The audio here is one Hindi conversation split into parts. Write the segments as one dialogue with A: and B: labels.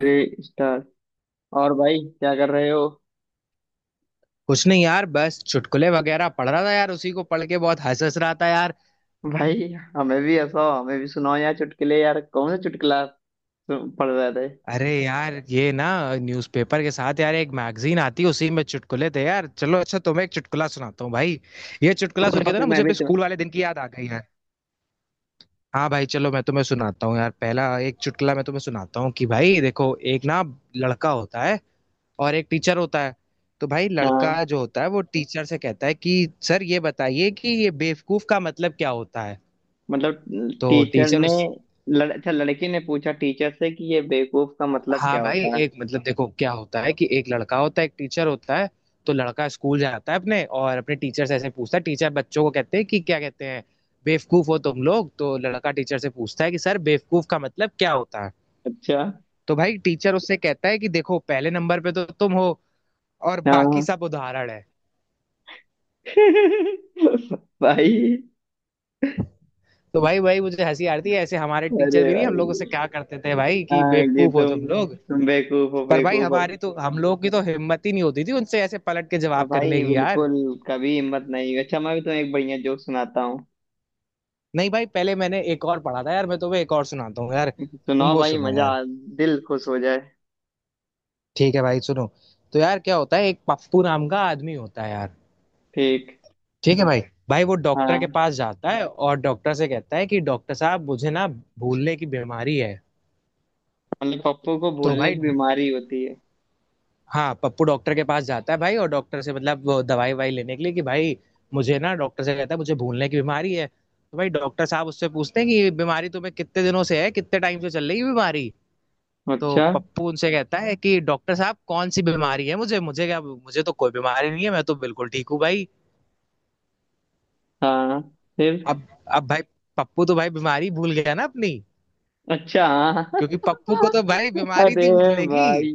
A: Three star. और भाई क्या कर रहे हो?
B: कुछ नहीं यार, बस चुटकुले वगैरह पढ़ रहा था यार। उसी को पढ़ के बहुत हंस हंस रहा था यार।
A: भाई हमें भी हंसाओ, हमें भी सुनाओ यार चुटकुले, यार कौन सा चुटकुला पढ़ रहे थे?
B: अरे यार ये ना, न्यूज़पेपर के साथ यार एक मैगजीन आती है, उसी में चुटकुले थे यार। चलो अच्छा, तुम्हें एक चुटकुला सुनाता हूँ भाई। ये चुटकुला सुन
A: बताओ,
B: के तो
A: फिर
B: ना
A: मैं
B: मुझे
A: भी
B: अपने
A: तुम्हें।
B: स्कूल वाले दिन की याद आ गई है। हाँ भाई चलो, मैं तुम्हें सुनाता हूँ यार। पहला एक चुटकुला मैं तुम्हें सुनाता हूँ कि भाई देखो, एक ना लड़का होता है और एक टीचर होता है। तो भाई
A: हाँ।
B: लड़का जो होता है वो टीचर से कहता है कि सर ये बताइए कि ये बेवकूफ का मतलब क्या होता है।
A: मतलब।
B: तो
A: टीचर
B: टीचर
A: ने
B: उस
A: अच्छा, लड़की ने पूछा टीचर से कि ये बेवकूफ का मतलब
B: हाँ
A: क्या
B: भाई
A: होता है?
B: एक मतलब देखो क्या होता है कि एक लड़का होता है एक टीचर होता है। तो लड़का स्कूल जाता है अपने और अपने टीचर से ऐसे पूछता है। टीचर बच्चों को कहते हैं कि क्या कहते हैं, बेवकूफ हो तुम लोग। तो लड़का टीचर से पूछता है कि सर बेवकूफ का मतलब क्या होता है।
A: अच्छा।
B: तो भाई टीचर उससे कहता है कि देखो, पहले नंबर पे तो तुम हो और बाकी
A: हाँ।
B: सब उदाहरण है।
A: भाई!
B: तो भाई भाई मुझे हंसी आती है, ऐसे हमारे टीचर
A: अरे
B: भी नहीं हम लोगों से
A: भाई!
B: क्या करते थे भाई, कि
A: हाँ कि
B: बेवकूफ हो तुम लोग।
A: तुम बेवकूफ हो,
B: पर भाई
A: बेवकूफ हो।
B: हमारी तो, हम लोगों की तो हिम्मत ही नहीं होती थी उनसे ऐसे पलट के
A: हाँ
B: जवाब करने
A: भाई,
B: की यार।
A: बिल्कुल कभी हिम्मत नहीं हुई। अच्छा, मैं भी तुम्हें एक बढ़िया जोक सुनाता हूँ।
B: नहीं भाई, पहले मैंने एक और पढ़ा था यार, मैं तुम्हें एक और सुनाता हूँ यार, तुम
A: सुनाओ
B: वो
A: भाई!
B: सुनो यार।
A: दिल खुश हो जाए।
B: ठीक है भाई सुनो। तो यार क्या होता है, एक पप्पू नाम का आदमी होता है यार।
A: ठीक।
B: ठीक है भाई। भाई वो डॉक्टर के
A: हाँ,
B: पास जाता है और डॉक्टर से कहता है कि डॉक्टर साहब मुझे ना भूलने की बीमारी है।
A: मतलब पप्पू को
B: तो
A: भूलने
B: भाई,
A: की बीमारी होती है।
B: हाँ, पप्पू डॉक्टर के पास जाता है भाई, और डॉक्टर से मतलब वो दवाई वाई लेने के लिए कि भाई मुझे ना, डॉक्टर से कहता है मुझे भूलने की बीमारी है। तो भाई डॉक्टर साहब उससे पूछते हैं कि ये बीमारी तुम्हें कितने दिनों से है, कितने टाइम से चल रही है ये बीमारी। तो
A: अच्छा।
B: पप्पू उनसे कहता है कि डॉक्टर साहब कौन सी बीमारी है, मुझे मुझे क्या, मुझे तो कोई बीमारी नहीं है, मैं तो बिल्कुल ठीक हूँ भाई।
A: हाँ। फिर?
B: अब अब भाई पप्पू तो भाई बीमारी भूल गया ना अपनी,
A: अच्छा। हाँ।
B: क्योंकि पप्पू को तो भाई बीमारी
A: अरे
B: थी भूलने की।
A: भाई!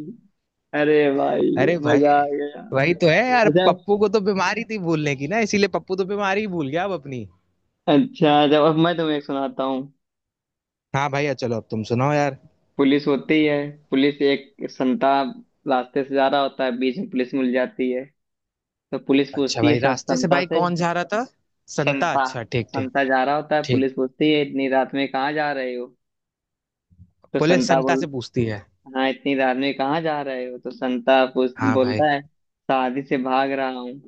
A: अरे भाई,
B: अरे भाई
A: मजा आ गया।
B: वही तो है यार,
A: अच्छा।
B: पप्पू को तो बीमारी थी भूलने की ना, इसीलिए पप्पू तो बीमारी ही भूल गया अब अपनी।
A: अच्छा, जब अब मैं तुम्हें एक सुनाता हूँ।
B: हाँ भैया चलो, अब तुम सुनाओ यार।
A: पुलिस होती है। पुलिस, एक संता रास्ते से जा रहा होता है, बीच में पुलिस मिल जाती है। तो पुलिस
B: अच्छा
A: पूछती है
B: भाई, रास्ते से
A: संता
B: भाई
A: से।
B: कौन जा रहा था। संता,
A: संता
B: अच्छा, ठीक ठीक।
A: संता जा रहा होता है,
B: ठीक।
A: पुलिस पूछती है, इतनी रात में कहाँ जा रहे हो। तो
B: पुलिस
A: संता
B: संता
A: बोल
B: से पूछती है।
A: हाँ, इतनी रात में कहाँ जा रहे हो, तो संता पूछ
B: हाँ भाई।
A: बोलता है, शादी से भाग रहा हूँ।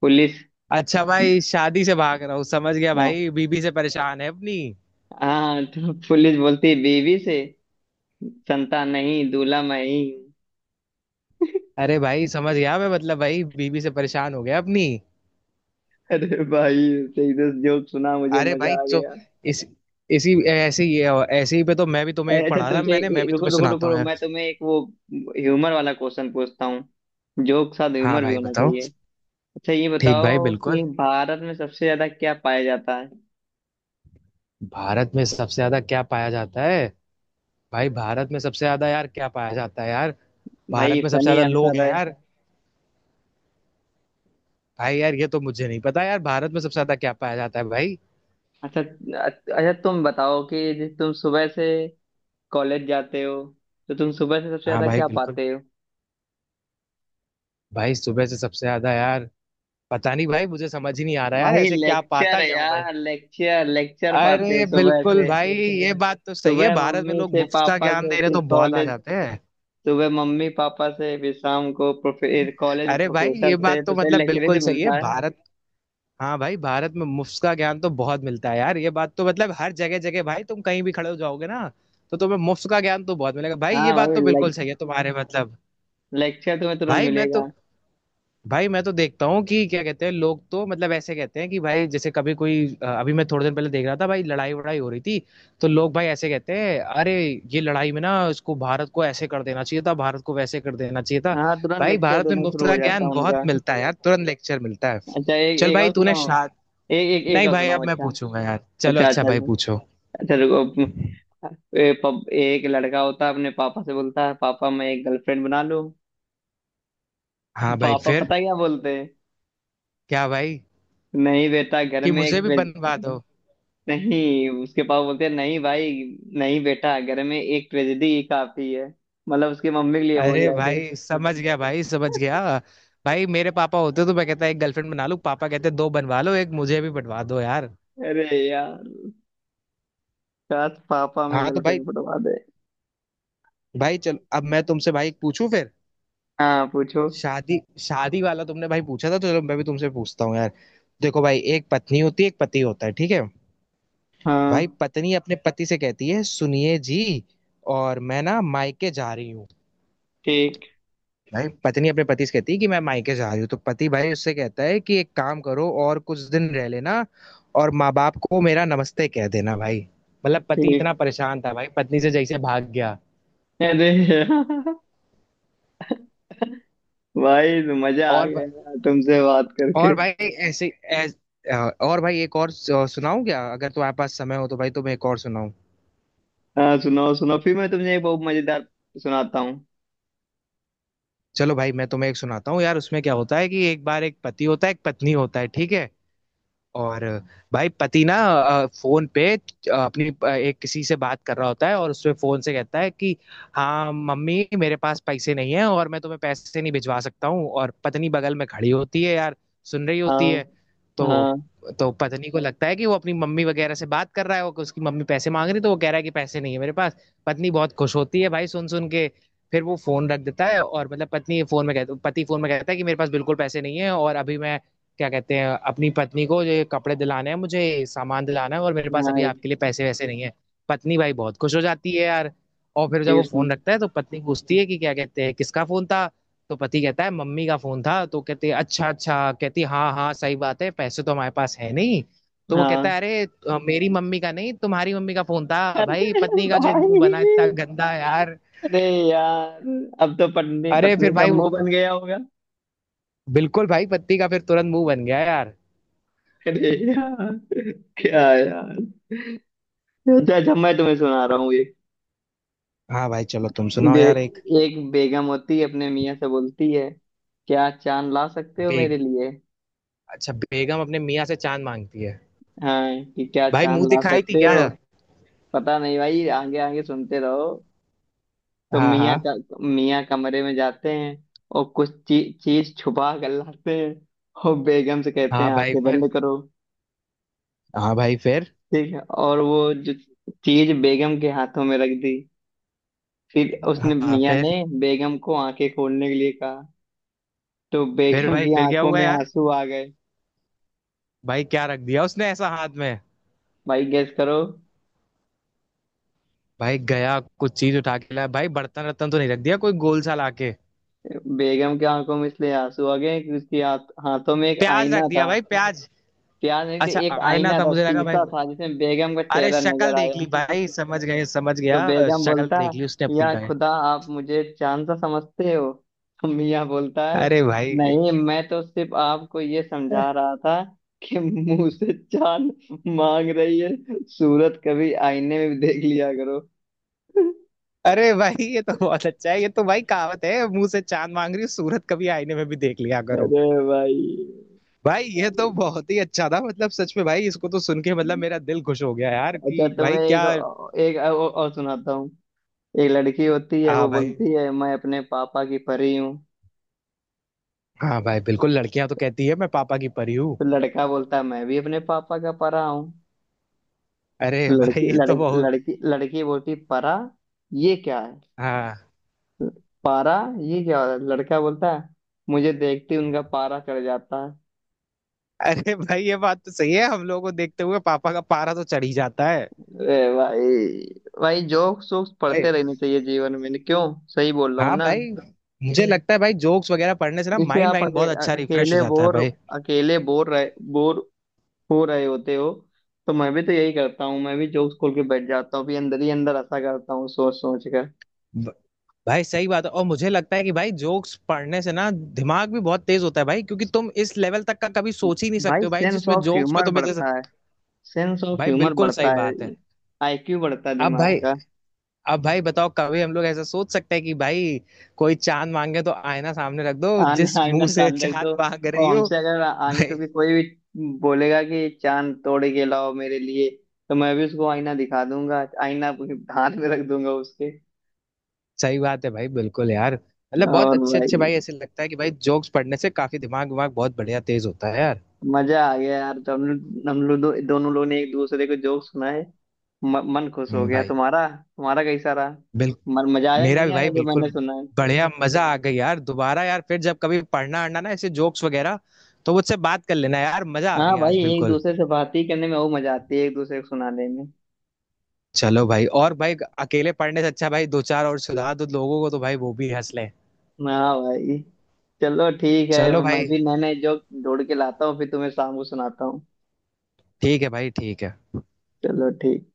A: पुलिस,
B: अच्छा भाई, शादी से भाग रहा हूँ, समझ गया
A: हाँ।
B: भाई, बीबी से परेशान है अपनी।
A: हाँ, तो पुलिस बोलती है बीवी से। संता, नहीं, दूल्हा मैं ही हूँ।
B: अरे भाई समझ गया मैं, मतलब भाई बीबी से परेशान हो गया अपनी।
A: अरे भाई, सही से जो सुना, मुझे
B: अरे भाई
A: मजा आ
B: तो,
A: गया।
B: इस इसी ऐसे ही, ऐसे ही पे तो मैं भी तुम्हें
A: अरे,
B: एक
A: अच्छा
B: पढ़ा था,
A: तुमसे,
B: मैंने मैं भी
A: रुको,
B: तुम्हें
A: रुको, रुको,
B: सुनाता हूँ
A: रुको,
B: यार।
A: मैं तुम्हें एक वो ह्यूमर वाला क्वेश्चन पूछता हूँ। जोक के साथ
B: हाँ
A: ह्यूमर भी
B: भाई
A: होना
B: बताओ।
A: चाहिए। अच्छा, ये
B: ठीक भाई,
A: बताओ कि
B: बिल्कुल।
A: भारत में सबसे ज्यादा क्या पाया जाता है?
B: भारत में सबसे ज्यादा क्या पाया जाता है। भाई भारत में सबसे ज्यादा यार क्या पाया जाता है यार। भारत
A: भाई,
B: में सबसे
A: फनी
B: ज्यादा लोग
A: आंसर
B: हैं
A: है।
B: यार। भाई यार ये तो मुझे नहीं पता यार, भारत में सबसे ज्यादा क्या पाया जाता है भाई।
A: अच्छा, अच्छा, तुम बताओ कि तुम सुबह से कॉलेज जाते हो, तो तुम सुबह से सबसे
B: हाँ
A: ज्यादा
B: भाई
A: क्या
B: बिल्कुल।
A: पाते हो?
B: भाई सुबह से सबसे ज्यादा यार पता नहीं भाई, मुझे समझ ही नहीं आ रहा यार,
A: भाई
B: ऐसे क्या
A: लेक्चर
B: पाता क्या हूँ भाई।
A: यार, लेक्चर, लेक्चर पाते हो
B: अरे
A: सुबह
B: बिल्कुल
A: से।
B: भाई, ये बात तो सही है,
A: सुबह
B: भारत में
A: मम्मी
B: लोग
A: से,
B: मुफ्त का
A: पापा
B: ज्ञान
A: से,
B: दे रहे
A: फिर
B: तो बहुत आ
A: कॉलेज।
B: जाते हैं।
A: सुबह मम्मी पापा से, फिर शाम को प्रोफे कॉलेज में
B: अरे भाई
A: प्रोफेसर
B: ये
A: से,
B: बात
A: तो
B: तो
A: सही
B: मतलब
A: लेक्चर ही
B: बिल्कुल
A: तो
B: सही है।
A: मिलता है।
B: भारत, हाँ भाई, भारत में मुफ्त का ज्ञान तो बहुत मिलता है यार। ये बात तो मतलब हर जगह जगह भाई, तुम कहीं भी खड़े हो जाओगे ना, तो तुम्हें मुफ्त का ज्ञान तो बहुत मिलेगा भाई। ये
A: हाँ
B: बात
A: भाई,
B: तो बिल्कुल
A: लेक्चर,
B: सही है तुम्हारे मतलब।
A: लेक्चर तुम्हें तुरंत
B: भाई मैं तो,
A: मिलेगा।
B: भाई मैं तो देखता हूँ कि क्या कहते हैं लोग, तो मतलब ऐसे कहते हैं कि भाई, जैसे कभी कोई अभी मैं थोड़े दिन पहले देख रहा था भाई, लड़ाई वड़ाई हो रही थी। तो लोग भाई ऐसे कहते हैं, अरे ये लड़ाई में ना, इसको भारत को ऐसे कर देना चाहिए था, भारत को वैसे कर देना चाहिए था।
A: हाँ, तुरंत
B: भाई
A: लेक्चर
B: भारत में
A: देना
B: मुफ्त
A: शुरू हो
B: का
A: जाता
B: ज्ञान
A: है
B: बहुत
A: उनका।
B: मिलता है यार, तुरंत लेक्चर मिलता है।
A: अच्छा, एक
B: चल
A: एक
B: भाई
A: और
B: तूने
A: सुनाओ।
B: शाद
A: एक एक एक
B: नहीं
A: और
B: भाई,
A: सुनाओ।
B: अब मैं
A: अच्छा।
B: पूछूंगा यार। चलो
A: अच्छा,
B: अच्छा
A: अच्छा,
B: भाई
A: अच्छा।
B: पूछो।
A: अच्छा, रुको। एक लड़का होता है, अपने पापा से बोलता है, पापा, मैं एक गर्लफ्रेंड बना लूं?
B: हाँ भाई
A: पापा
B: फिर।
A: पता क्या बोलते हैं?
B: क्या भाई,
A: नहीं बेटा, घर
B: कि
A: में एक
B: मुझे भी बनवा दो।
A: नहीं, उसके पापा बोलते हैं, नहीं भाई, नहीं बेटा, घर में एक ट्रेजेडी ही काफी है। मतलब उसकी मम्मी के लिए बोल
B: अरे
A: रहे थे।
B: भाई समझ गया भाई समझ गया। भाई मेरे पापा होते तो मैं कहता एक गर्लफ्रेंड बना लूं, पापा कहते दो बनवा लो, एक मुझे भी बनवा दो यार।
A: अरे यार, काश पापा में
B: हाँ तो भाई,
A: गर्लफ्रेंड बनवा दे।
B: भाई चलो, अब मैं तुमसे भाई पूछूं फिर।
A: हाँ, पूछो।
B: शादी शादी वाला तुमने भाई पूछा था, तो चलो मैं भी तुमसे पूछता हूँ यार। देखो भाई, एक पत्नी होती है एक पति होता है, ठीक है। भाई
A: हाँ।
B: पत्नी अपने पति से कहती है, सुनिए जी और मैं ना मायके जा रही हूँ।
A: ठीक,
B: भाई पत्नी अपने पति से कहती है कि मैं मायके जा रही हूँ, तो पति भाई उससे कहता है कि एक काम करो और कुछ दिन रह लेना, और माँ बाप को मेरा नमस्ते कह देना भाई। मतलब पति
A: ठीक।
B: इतना परेशान था भाई पत्नी से, जैसे भाग गया।
A: अरे यार! भाई तो मजा आ
B: और
A: गया
B: ब-
A: यार, तुमसे बात करके।
B: और भाई ऐसे ऐस, और भाई एक और सुनाऊं क्या, अगर तुम्हारे पास समय हो तो भाई तुम्हें एक और सुनाऊं।
A: हाँ, सुनाओ, सुनाओ, फिर मैं तुमसे एक बहुत मजेदार सुनाता हूँ।
B: चलो भाई मैं तुम्हें एक सुनाता हूँ यार। उसमें क्या होता है कि एक बार एक पति होता है एक पत्नी होता है, ठीक है। और भाई पति ना, फोन पे अपनी, एक किसी से बात कर रहा होता है, और उससे फोन से कहता है कि हाँ मम्मी मेरे पास पैसे नहीं है और मैं तुम्हें पैसे नहीं भिजवा सकता हूँ। और पत्नी बगल में खड़ी होती है यार, सुन रही होती
A: हाँ,
B: है। तो
A: हाँ,
B: तो पत्नी को लगता है कि वो अपनी मम्मी वगैरह से बात कर रहा है, वो उसकी मम्मी पैसे मांग रही, तो वो कह रहा है कि पैसे नहीं है मेरे पास। पत्नी बहुत खुश होती है भाई सुन सुन के। फिर वो फोन रख देता है, और मतलब पत्नी फोन में कहता, पति फोन में कहता है कि मेरे पास बिल्कुल पैसे नहीं है और अभी मैं क्या कहते हैं अपनी पत्नी को ये कपड़े दिलाने हैं मुझे, सामान दिलाना है, और मेरे पास अभी
A: हाँ।
B: आपके लिए पैसे वैसे नहीं है। पत्नी भाई बहुत खुश हो जाती है यार। और फिर जब वो
A: कृष्ण!
B: फोन रखता है तो पत्नी पूछती है कि क्या कहते हैं, किसका फोन था। तो पति कहता है मम्मी का फोन था, तो कहती है अच्छा अच्छा, कहती है हाँ हाँ सही बात है, पैसे तो हमारे पास है नहीं। तो वो कहता
A: हाँ।
B: है अरे मेरी मम्मी का नहीं, तुम्हारी मम्मी का फोन था भाई।
A: अरे
B: पत्नी का जो मुंह बना इतना
A: भाई!
B: गंदा यार।
A: अरे यार! अब तो पत्नी
B: अरे
A: पत्नी
B: फिर
A: का
B: भाई
A: मुंह बन गया होगा।
B: बिल्कुल भाई पत्नी का फिर तुरंत मुंह बन गया यार।
A: अरे यार! क्या यार! अच्छा, अच्छा, मैं तुम्हें सुना रहा हूँ एक।
B: हाँ भाई चलो, तुम सुनाओ
A: बे,
B: यार एक।
A: एक बेगम होती है, अपने मियाँ से बोलती है, क्या चांद ला सकते हो
B: बे-
A: मेरे लिए?
B: अच्छा बेगम अपने मियाँ से चांद मांगती है।
A: हाँ, कि क्या
B: भाई
A: चांद
B: मुंह
A: ला
B: दिखाई
A: सकते
B: थी क्या।
A: हो? पता नहीं भाई, आगे आगे सुनते रहो। तो
B: हाँ
A: मियाँ
B: हाँ।
A: का मियाँ कमरे में जाते हैं, और कुछ चीज छुपा कर लाते हैं, और बेगम से कहते
B: हाँ
A: हैं,
B: भाई
A: आंखें
B: फिर।
A: बंद करो।
B: हाँ भाई फिर।
A: ठीक है, और वो जो चीज बेगम के हाथों में रख दी, फिर उसने
B: हाँ
A: मियाँ ने
B: फिर।
A: बेगम को आंखें खोलने के लिए कहा, तो
B: फिर
A: बेगम
B: भाई
A: की
B: फिर क्या
A: आंखों
B: हुआ
A: में
B: यार,
A: आंसू आ गए।
B: भाई क्या रख दिया उसने ऐसा हाथ में।
A: भाई, गेस करो।
B: भाई गया कुछ चीज उठा के लाया भाई, बर्तन रत्तन तो नहीं रख दिया, कोई गोल सा लाके।
A: बेगम की आंखों में इसलिए आंसू आ गए कि हाथों में एक
B: प्याज रख
A: आईना
B: दिया
A: था।
B: भाई, प्याज।
A: प्यार नहीं थी,
B: अच्छा
A: एक
B: आईना
A: आईना
B: था,
A: था,
B: मुझे लगा भाई।
A: शीशा था जिसमें बेगम का
B: अरे
A: चेहरा
B: शक्ल
A: नजर
B: देख
A: आया।
B: ली भाई, समझ गए समझ
A: तो
B: गया,
A: बेगम
B: शक्ल
A: बोलता,
B: देख ली उसने अपनी
A: या
B: भाई।
A: खुदा, आप मुझे चांद सा समझते हो? तो मियाँ बोलता है,
B: अरे भाई।
A: नहीं, मैं तो सिर्फ आपको ये समझा रहा था कि मुंह से चांद मांग रही है, सूरत कभी आईने में भी देख लिया करो।
B: अरे भाई ये तो बहुत अच्छा है, ये तो भाई कहावत है, मुंह से चांद मांग रही हो, सूरत कभी आईने में भी देख लिया करो।
A: अरे भाई!
B: भाई ये तो बहुत ही अच्छा था, मतलब सच में भाई इसको तो सुन के मतलब मेरा दिल खुश हो गया यार,
A: अच्छा,
B: कि भाई
A: तुम्हें एक
B: क्या।
A: एक और सुनाता हूँ। एक लड़की होती है,
B: हाँ
A: वो
B: भाई।
A: बोलती है मैं अपने पापा की परी हूँ।
B: हाँ भाई बिल्कुल, लड़कियां तो कहती है मैं पापा की परी हूँ।
A: तो लड़का बोलता है, मैं भी अपने पापा का परा हूँ। तो
B: अरे भाई
A: लड़की
B: ये तो
A: लड़की
B: बहुत।
A: लड़की लड़की बोलती, परा, ये क्या है?
B: हाँ।
A: पारा, ये क्या है? लड़का बोलता है, मुझे देखते ही उनका पारा चढ़ जाता है।
B: अरे भाई ये बात तो सही है, हम लोगों को देखते हुए पापा का पारा तो चढ़ ही जाता है।
A: ए भाई! भाई, जोक सोक्स
B: भाई।
A: पढ़ते रहने चाहिए जीवन में, क्यों? सही बोल रहा हूँ
B: हाँ
A: ना?
B: भाई। मुझे लगता है भाई जोक्स वगैरह पढ़ने से ना,
A: इसे
B: माइंड
A: आप
B: वाइंड बहुत अच्छा रिफ्रेश हो
A: अकेले
B: जाता है भाई।
A: अकेले बोर रहे बोर हो रहे होते हो, तो मैं भी तो यही करता हूँ, मैं भी जोक्स खोल के बैठ जाता हूँ, भी अंदर ही अंदर ऐसा करता हूँ, सोच सोच कर।
B: भाई सही बात है, और मुझे लगता है कि भाई जोक्स पढ़ने से ना दिमाग भी बहुत तेज होता है भाई, क्योंकि तुम इस लेवल तक का कभी सोच ही नहीं
A: भाई,
B: सकते हो भाई,
A: सेंस
B: जिसमें
A: ऑफ
B: जोक्स पे
A: ह्यूमर
B: तुम्हें जैसे।
A: बढ़ता है, सेंस ऑफ
B: भाई
A: ह्यूमर
B: बिल्कुल सही
A: बढ़ता है।
B: बात है।
A: आईक्यू बढ़ता है
B: अब
A: दिमाग
B: भाई
A: का।
B: अब भाई बताओ, कभी हम लोग ऐसा सोच सकते हैं कि भाई कोई चांद मांगे तो आईना सामने रख दो,
A: आन
B: जिस
A: आईना
B: मुंह से
A: कान रख दो,
B: चांद मांग
A: और
B: रही हो।
A: हमसे अगर आगे
B: भाई।
A: तो भी कोई भी बोलेगा कि चांद तोड़ के लाओ मेरे लिए, तो मैं भी उसको आईना दिखा दूंगा, आईना अपने हाथ में रख दूंगा उसके।
B: सही बात है भाई बिल्कुल यार, मतलब बहुत
A: और
B: अच्छे अच्छे
A: भाई,
B: भाई, ऐसे लगता है कि भाई जोक्स पढ़ने से काफी दिमाग दिमाग बहुत बढ़िया तेज होता है यार।
A: मजा आ गया यार, तो हम लोग दोनों लोग ने एक दूसरे को जोक सुनाए। मन खुश हो गया
B: भाई,
A: तुम्हारा, तुम्हारा कैसा रहा?
B: बिल्कुल।
A: मन मजा आया कि
B: मेरा
A: नहीं
B: भी भाई
A: आया, जो
B: बिल्कुल
A: मैंने सुना है?
B: बढ़िया मजा आ गई यार। दोबारा यार फिर जब कभी पढ़ना अढ़ना ना ऐसे जोक्स वगैरह, तो मुझसे बात कर लेना यार, मजा आ
A: हाँ
B: गई
A: भाई,
B: आज
A: एक
B: बिल्कुल।
A: दूसरे से बात ही करने में वो मजा आती है, एक दूसरे को सुनाने में।
B: चलो भाई, और भाई अकेले पढ़ने से अच्छा भाई दो चार और सुधार दो लोगों को, तो भाई वो भी हंस लें।
A: हाँ भाई, चलो ठीक है।
B: चलो
A: मैं
B: भाई,
A: भी नए नए जोक ढूंढ के लाता हूँ, फिर तुम्हें शाम को सुनाता हूँ।
B: ठीक है भाई, ठीक है।
A: चलो ठीक।